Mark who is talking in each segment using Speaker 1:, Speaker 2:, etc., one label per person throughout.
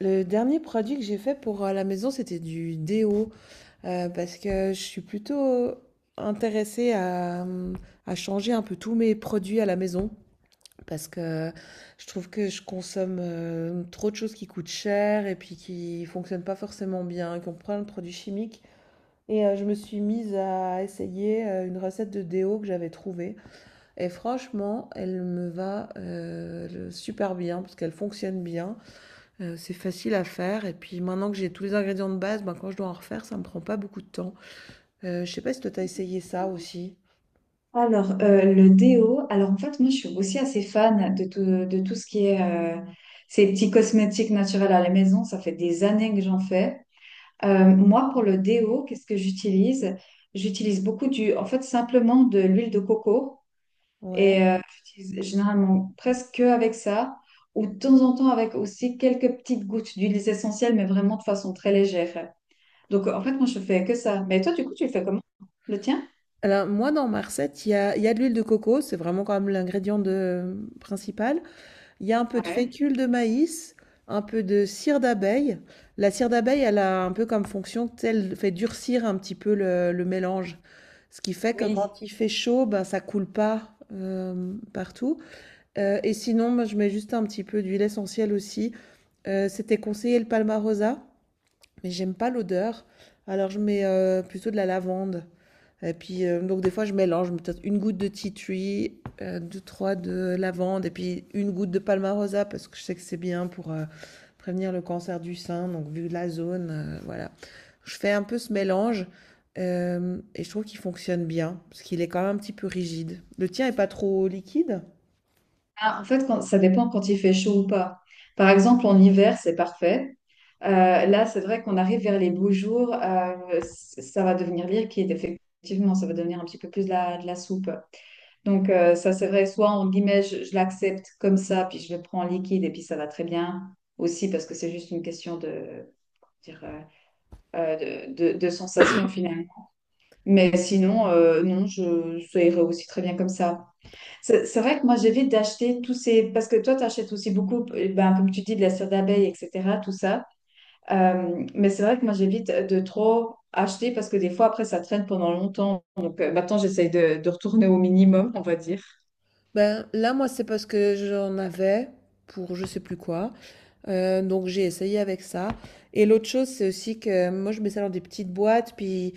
Speaker 1: Le dernier produit que j'ai fait pour la maison, c'était du déo, parce que je suis plutôt intéressée à changer un peu tous mes produits à la maison, parce que je trouve que je consomme trop de choses qui coûtent cher et puis qui fonctionnent pas forcément bien, qui ont plein de produits chimiques. Et je me suis mise à essayer une recette de déo que j'avais trouvée. Et franchement, elle me va super bien, parce qu'elle fonctionne bien. C'est facile à faire et puis maintenant que j'ai tous les ingrédients de base, ben, quand je dois en refaire, ça me prend pas beaucoup de temps. Je sais pas si toi t'as essayé ça aussi?
Speaker 2: Alors, le déo, alors en fait, moi, je suis aussi assez fan de tout ce qui est ces petits cosmétiques naturels à la maison. Ça fait des années que j'en fais. Moi, pour le déo, qu'est-ce que j'utilise? J'utilise beaucoup du, en fait, simplement de l'huile de coco.
Speaker 1: Ouais.
Speaker 2: Et j'utilise généralement presque que avec ça, ou de temps en temps avec aussi quelques petites gouttes d'huiles essentielles, mais vraiment de façon très légère. Donc, en fait, moi, je fais que ça. Mais toi, du coup, tu le fais comment? Le tien?
Speaker 1: Alors moi dans ma recette, il y a de l'huile de coco, c'est vraiment quand même l'ingrédient de mmh, principal. Il y a un peu de
Speaker 2: Ouais.
Speaker 1: fécule de maïs, un peu de cire d'abeille. La cire d'abeille, elle a un peu comme fonction, tu sais, elle fait durcir un petit peu le mélange. Ce qui fait que
Speaker 2: Oui.
Speaker 1: quand il fait chaud, ben, ça coule pas, partout. Et sinon, moi, je mets juste un petit peu d'huile essentielle aussi. C'était conseillé le Palmarosa, mais j'aime pas l'odeur. Alors je mets plutôt de la lavande. Et puis, donc des fois, je mélange, je mets peut-être une goutte de tea tree, deux, trois de lavande, et puis une goutte de palmarosa, parce que je sais que c'est bien pour prévenir le cancer du sein, donc vu la zone, voilà. Je fais un peu ce mélange, et je trouve qu'il fonctionne bien, parce qu'il est quand même un petit peu rigide. Le tien est pas trop liquide?
Speaker 2: Ah, en fait, ça dépend quand il fait chaud ou pas. Par exemple, en hiver, c'est parfait. Là, c'est vrai qu'on arrive vers les beaux jours, ça va devenir liquide, effectivement, ça va devenir un petit peu plus de la soupe. Donc, ça, c'est vrai, soit en guillemets, je l'accepte comme ça, puis je le prends en liquide, et puis ça va très bien aussi, parce que c'est juste une question de, dire, de sensation finalement. Mais sinon, non, je, ça irait aussi très bien comme ça. C'est vrai que moi, j'évite d'acheter tous ces... Parce que toi, tu achètes aussi beaucoup, ben, comme tu dis, de la cire d'abeille, etc., tout ça. Mais c'est vrai que moi, j'évite de trop acheter parce que des fois, après, ça traîne pendant longtemps. Donc, maintenant, j'essaye de retourner au minimum, on va dire.
Speaker 1: Ben, là, moi, c'est parce que j'en avais pour je sais plus quoi. Donc, j'ai essayé avec ça. Et l'autre chose, c'est aussi que moi, je mets ça dans des petites boîtes. Puis,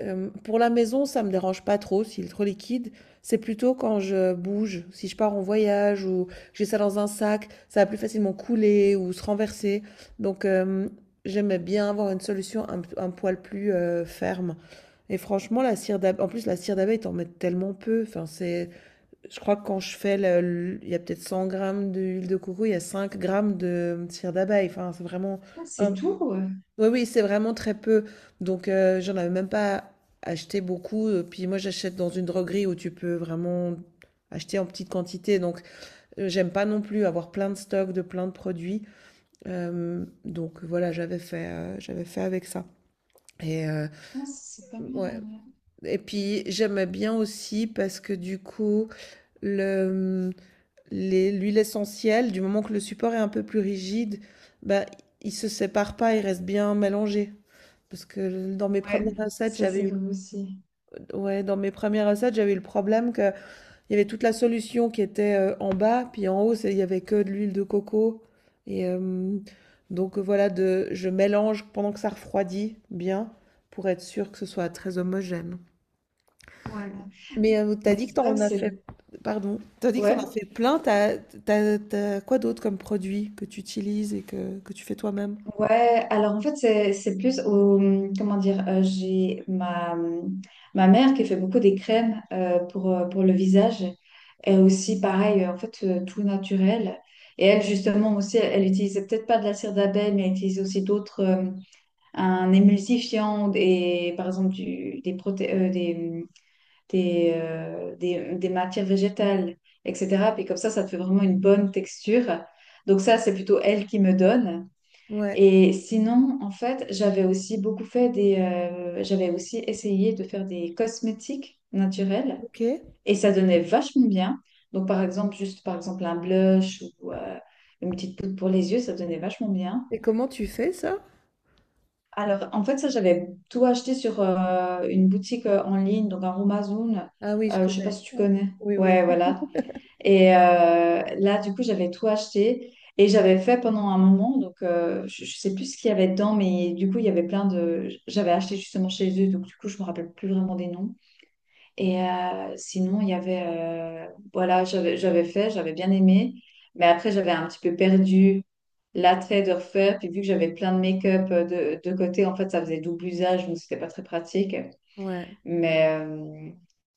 Speaker 1: pour la maison, ça me dérange pas trop s'il est trop liquide. C'est plutôt quand je bouge, si je pars en voyage ou que j'ai ça dans un sac, ça va plus facilement couler ou se renverser. Donc, j'aimais bien avoir une solution un poil plus ferme. Et franchement, la cire d'abeille, en plus, la cire d'abeille, t'en mets tellement peu. Enfin, c'est. Je crois que quand je fais, il y a peut-être 100 grammes d'huile de coco, il y a 5 grammes de cire d'abeille. Enfin, c'est vraiment...
Speaker 2: Ah, c'est
Speaker 1: un-
Speaker 2: tout. Ouais.
Speaker 1: Oui, oui, c'est vraiment très peu. Donc, j'en avais même pas acheté beaucoup. Puis moi, j'achète dans une droguerie où tu peux vraiment acheter en petite quantité. Donc, j'aime pas non plus avoir plein de stocks de plein de produits. Donc, voilà, j'avais fait avec ça. Et,
Speaker 2: Ah, c'est pas
Speaker 1: ouais.
Speaker 2: mal.
Speaker 1: Et puis, j'aimais bien aussi parce que du coup, le... l'huile essentielle, du moment que le support est un peu plus rigide, bah, il se sépare pas, il reste bien mélangé. Parce que dans mes
Speaker 2: Ouais,
Speaker 1: premières recettes,
Speaker 2: ça,
Speaker 1: j'avais
Speaker 2: c'est
Speaker 1: eu,
Speaker 2: vrai aussi.
Speaker 1: ouais, dans mes premières recettes, j'avais eu le problème que il y avait toute la solution qui était en bas, puis en haut, il y avait que de l'huile de coco. Et euh, donc voilà, je mélange pendant que ça refroidit bien pour être sûr que ce soit très homogène.
Speaker 2: Ouais.
Speaker 1: T'as
Speaker 2: Mais
Speaker 1: dit que
Speaker 2: c'est vrai
Speaker 1: t'en
Speaker 2: que
Speaker 1: as
Speaker 2: c'est...
Speaker 1: fait, pardon, t'as dit que t'en
Speaker 2: Ouais.
Speaker 1: as fait plein, t'as quoi d'autre comme produit que tu utilises et que tu fais toi-même?
Speaker 2: Ouais, alors en fait, c'est plus au, mmh, comment dire, j'ai ma, mmh, ma mère qui fait beaucoup des crèmes pour le visage. Elle aussi, pareil, en fait, tout naturel. Et elle, justement, aussi, elle utilisait peut-être pas de la cire d'abeille, mais elle utilise aussi d'autres, un émulsifiant et par exemple du, des, mmh, des matières végétales, etc. Puis comme ça te fait vraiment une bonne texture. Donc ça, c'est plutôt elle qui me donne.
Speaker 1: Ouais,
Speaker 2: Et sinon, en fait, j'avais aussi beaucoup fait des, j'avais aussi essayé de faire des cosmétiques naturels
Speaker 1: ok. Et
Speaker 2: et ça donnait vachement bien. Donc, par exemple, juste par exemple un blush ou une petite poudre pour les yeux, ça donnait vachement bien.
Speaker 1: comment tu fais ça?
Speaker 2: Alors, en fait, ça, j'avais tout acheté sur une boutique en ligne, donc un Amazon.
Speaker 1: Ah oui, je
Speaker 2: Je sais pas
Speaker 1: connais.
Speaker 2: si tu connais.
Speaker 1: Oui, oui.
Speaker 2: Ouais, voilà. Et là, du coup, j'avais tout acheté et j'avais fait pendant un moment. Donc, je sais plus ce qu'il y avait dedans, mais du coup, il y avait plein de. J'avais acheté justement chez eux, donc du coup, je me rappelle plus vraiment des noms. Et sinon, il y avait. Voilà, j'avais fait, j'avais bien aimé, mais après, j'avais un petit peu perdu l'attrait de refaire. Puis, vu que j'avais plein de make-up de côté, en fait, ça faisait double usage, donc c'était pas très pratique.
Speaker 1: Ouais,
Speaker 2: Mais,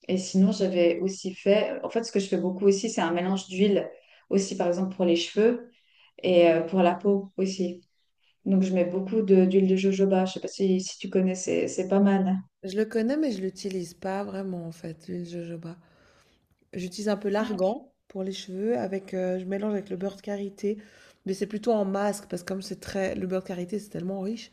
Speaker 2: et sinon, j'avais aussi fait, en fait, ce que je fais beaucoup aussi, c'est un mélange d'huile, aussi par exemple pour les cheveux et pour la peau aussi. Donc, je mets beaucoup d'huile de jojoba. Je sais pas si, si tu connais, c'est pas mal.
Speaker 1: je le connais, mais je l'utilise pas vraiment en fait, l'huile de jojoba. J'utilise un peu
Speaker 2: Ah, ok.
Speaker 1: l'argan pour les cheveux, je mélange avec le beurre de karité, mais c'est plutôt en masque parce que comme c'est très, le beurre de karité c'est tellement riche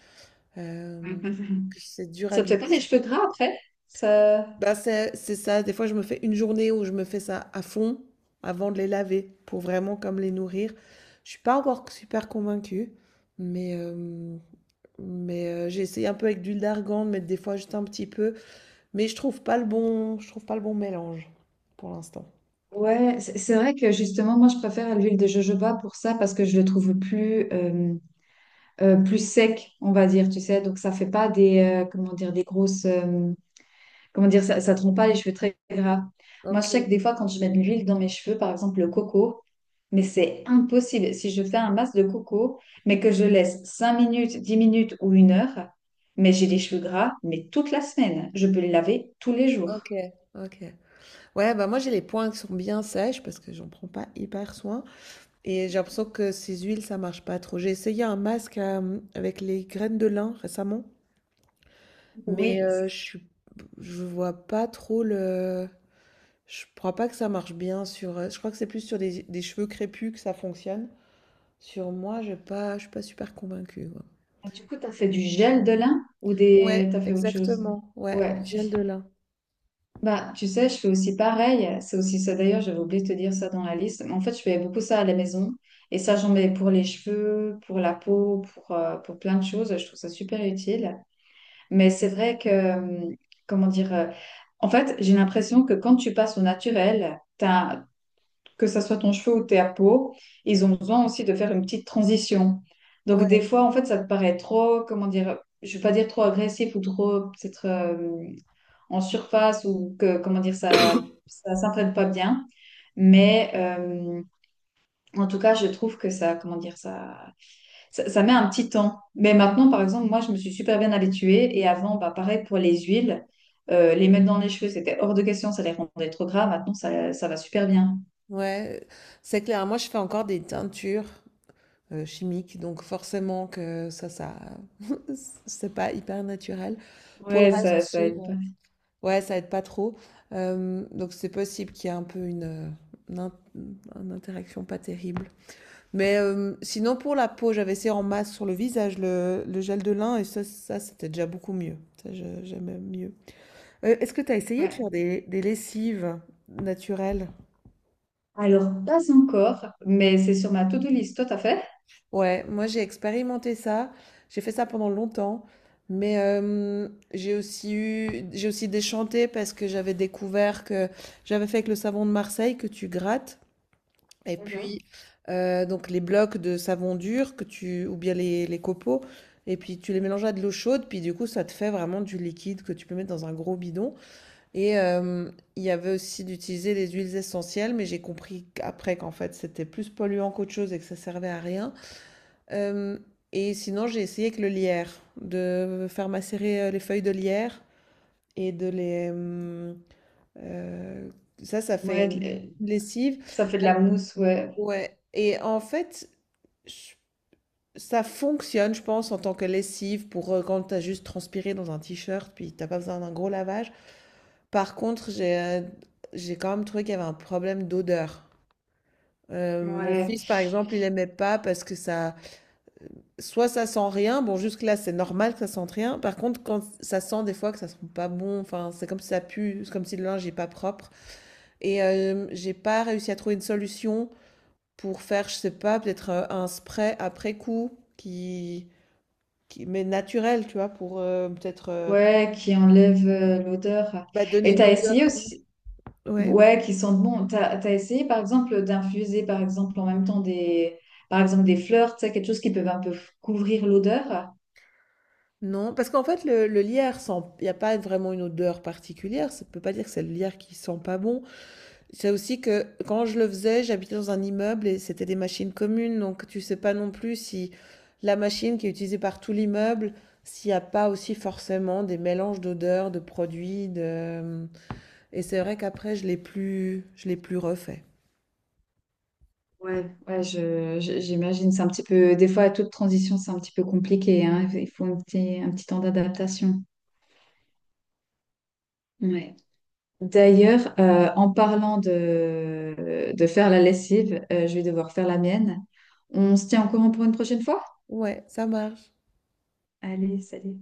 Speaker 1: euh, que c'est dur à
Speaker 2: Ça te fait pas les
Speaker 1: l'utiliser.
Speaker 2: cheveux gras après? Ça...
Speaker 1: Bah, c'est ça, des fois je me fais une journée où je me fais ça à fond avant de les laver pour vraiment comme les nourrir. Je suis pas encore super convaincue, mais, euh, mais j'ai essayé un peu avec d'huile d'argan, de mettre des fois juste un petit peu, mais je trouve pas le bon, je trouve pas le bon mélange pour l'instant.
Speaker 2: Ouais, c'est vrai que justement, moi, je préfère l'huile de jojoba pour ça parce que je le trouve plus, plus sec, on va dire, tu sais. Donc, ça fait pas des, comment dire, des grosses, comment dire, ça te rend pas les cheveux très gras. Moi, je
Speaker 1: Ok,
Speaker 2: sais que des fois, quand je mets de l'huile dans mes cheveux, par exemple le coco, mais c'est impossible. Si je fais un masque de coco, mais que je laisse 5 minutes, 10 minutes ou une heure, mais j'ai les cheveux gras, mais toute la semaine. Je peux les laver tous les jours.
Speaker 1: ok, ok. Ouais, bah moi j'ai les poings qui sont bien sèches parce que j'en prends pas hyper soin. Et j'ai l'impression que ces huiles, ça marche pas trop. J'ai essayé un masque avec les graines de lin récemment.
Speaker 2: Oui.
Speaker 1: Je suis, je vois pas trop le. Je crois pas que ça marche bien sur. Je crois que c'est plus sur des cheveux crépus que ça fonctionne. Sur moi, j'ai pas, je suis pas super convaincue, quoi.
Speaker 2: Du coup, tu as fait du gel de lin ou des...
Speaker 1: Ouais,
Speaker 2: tu as fait autre chose?
Speaker 1: exactement. Ouais, le
Speaker 2: Ouais.
Speaker 1: gel de lin.
Speaker 2: Bah, tu sais, je fais aussi pareil. C'est aussi ça. D'ailleurs, j'avais oublié de te dire ça dans la liste. Mais en fait, je fais beaucoup ça à la maison. Et ça, j'en mets pour les cheveux, pour la peau, pour plein de choses. Je trouve ça super utile. Mais c'est vrai que, comment dire, en fait, j'ai l'impression que quand tu passes au naturel, que ça soit ton cheveu ou ta peau, ils ont besoin aussi de faire une petite transition. Donc, des
Speaker 1: Ouais,
Speaker 2: fois, en fait, ça te paraît trop, comment dire, je ne vais pas dire trop agressif ou trop, peut-être. En surface ou que, comment dire, ça s'entraîne pas bien. Mais en tout cas, je trouve que ça, comment dire, ça met un petit temps. Mais maintenant, par exemple, moi, je me suis super bien habituée. Et avant, bah, pareil pour les huiles, les mettre dans les cheveux, c'était hors de question, ça les rendait trop gras. Maintenant, ça va super bien.
Speaker 1: ouais, c'est clair. Moi, je fais encore des teintures chimiques. Donc forcément que ça, c'est pas hyper naturel. Pour le
Speaker 2: Ouais,
Speaker 1: reste,
Speaker 2: ça aide
Speaker 1: ouais,
Speaker 2: pas.
Speaker 1: ouais, ça aide pas trop. Donc c'est possible qu'il y ait un peu une in- une interaction pas terrible. Sinon pour la peau, j'avais essayé en masse sur le visage le gel de lin et ça c'était déjà beaucoup mieux. Ça, j'aimais mieux. Est-ce que tu as essayé de
Speaker 2: Ouais.
Speaker 1: faire des lessives naturelles?
Speaker 2: Alors, pas encore, mais c'est sur ma to-do list. Toi, t'as fait?
Speaker 1: Ouais, moi j'ai expérimenté ça, j'ai fait ça pendant longtemps, j'ai aussi eu, j'ai aussi déchanté parce que j'avais découvert que j'avais fait avec le savon de Marseille que tu grattes, et
Speaker 2: Mhm.
Speaker 1: puis donc les blocs de savon dur que tu, ou bien les copeaux, et puis tu les mélanges à de l'eau chaude, puis du coup ça te fait vraiment du liquide que tu peux mettre dans un gros bidon. Et euh, il y avait aussi d'utiliser les huiles essentielles, mais j'ai compris qu'après qu'en fait c'était plus polluant qu'autre chose et que ça servait à rien. Euh, et sinon, j'ai essayé avec le lierre, de faire macérer les feuilles de lierre et de les... euh, ça, ça fait
Speaker 2: Ouais,
Speaker 1: une lessive.
Speaker 2: ça fait de
Speaker 1: Alors,
Speaker 2: la mousse, ouais.
Speaker 1: ouais. Et en fait, je- ça fonctionne, je pense, en tant que lessive pour quand tu as juste transpiré dans un t-shirt, puis t'as pas besoin d'un gros lavage. Par contre, j'ai quand même trouvé qu'il y avait un problème d'odeur. Mon
Speaker 2: Ouais.
Speaker 1: fils, par exemple, il aimait pas parce que ça... soit ça sent rien, bon jusque-là c'est normal que ça sente rien, par contre quand ça sent des fois que ça sent pas bon, enfin c'est comme si ça pue, c'est comme si le linge est pas propre, et j'ai pas réussi à trouver une solution pour faire, je sais pas, peut-être un spray après coup qui, qui mais naturel, tu vois, pour peut-être
Speaker 2: Ouais, qui enlève l'odeur.
Speaker 1: bah, donner
Speaker 2: Et
Speaker 1: une
Speaker 2: t'as
Speaker 1: odeur.
Speaker 2: essayé aussi,
Speaker 1: Ouais,
Speaker 2: ouais, qui sentent bon. T'as essayé, par exemple, d'infuser, par exemple, en même temps des, par exemple, des fleurs, tu sais, quelque chose qui peut un peu couvrir l'odeur.
Speaker 1: non, parce qu'en fait le lierre sent, il n'y a pas vraiment une odeur particulière, ça peut pas dire que c'est le lierre qui sent pas bon, c'est aussi que quand je le faisais, j'habitais dans un immeuble et c'était des machines communes, donc tu sais pas non plus si la machine qui est utilisée par tout l'immeuble, s'il n'y a pas aussi forcément des mélanges d'odeurs, de produits, de... Et c'est vrai qu'après, je l'ai plus refait.
Speaker 2: Ouais. Ouais, j'imagine, c'est un petit peu, des fois, toute transition, c'est un petit peu compliqué, hein. Il faut un petit temps d'adaptation. Ouais. D'ailleurs, en parlant de faire la lessive, je vais devoir faire la mienne. On se tient au courant pour une prochaine fois?
Speaker 1: Ouais, ça marche.
Speaker 2: Allez, salut.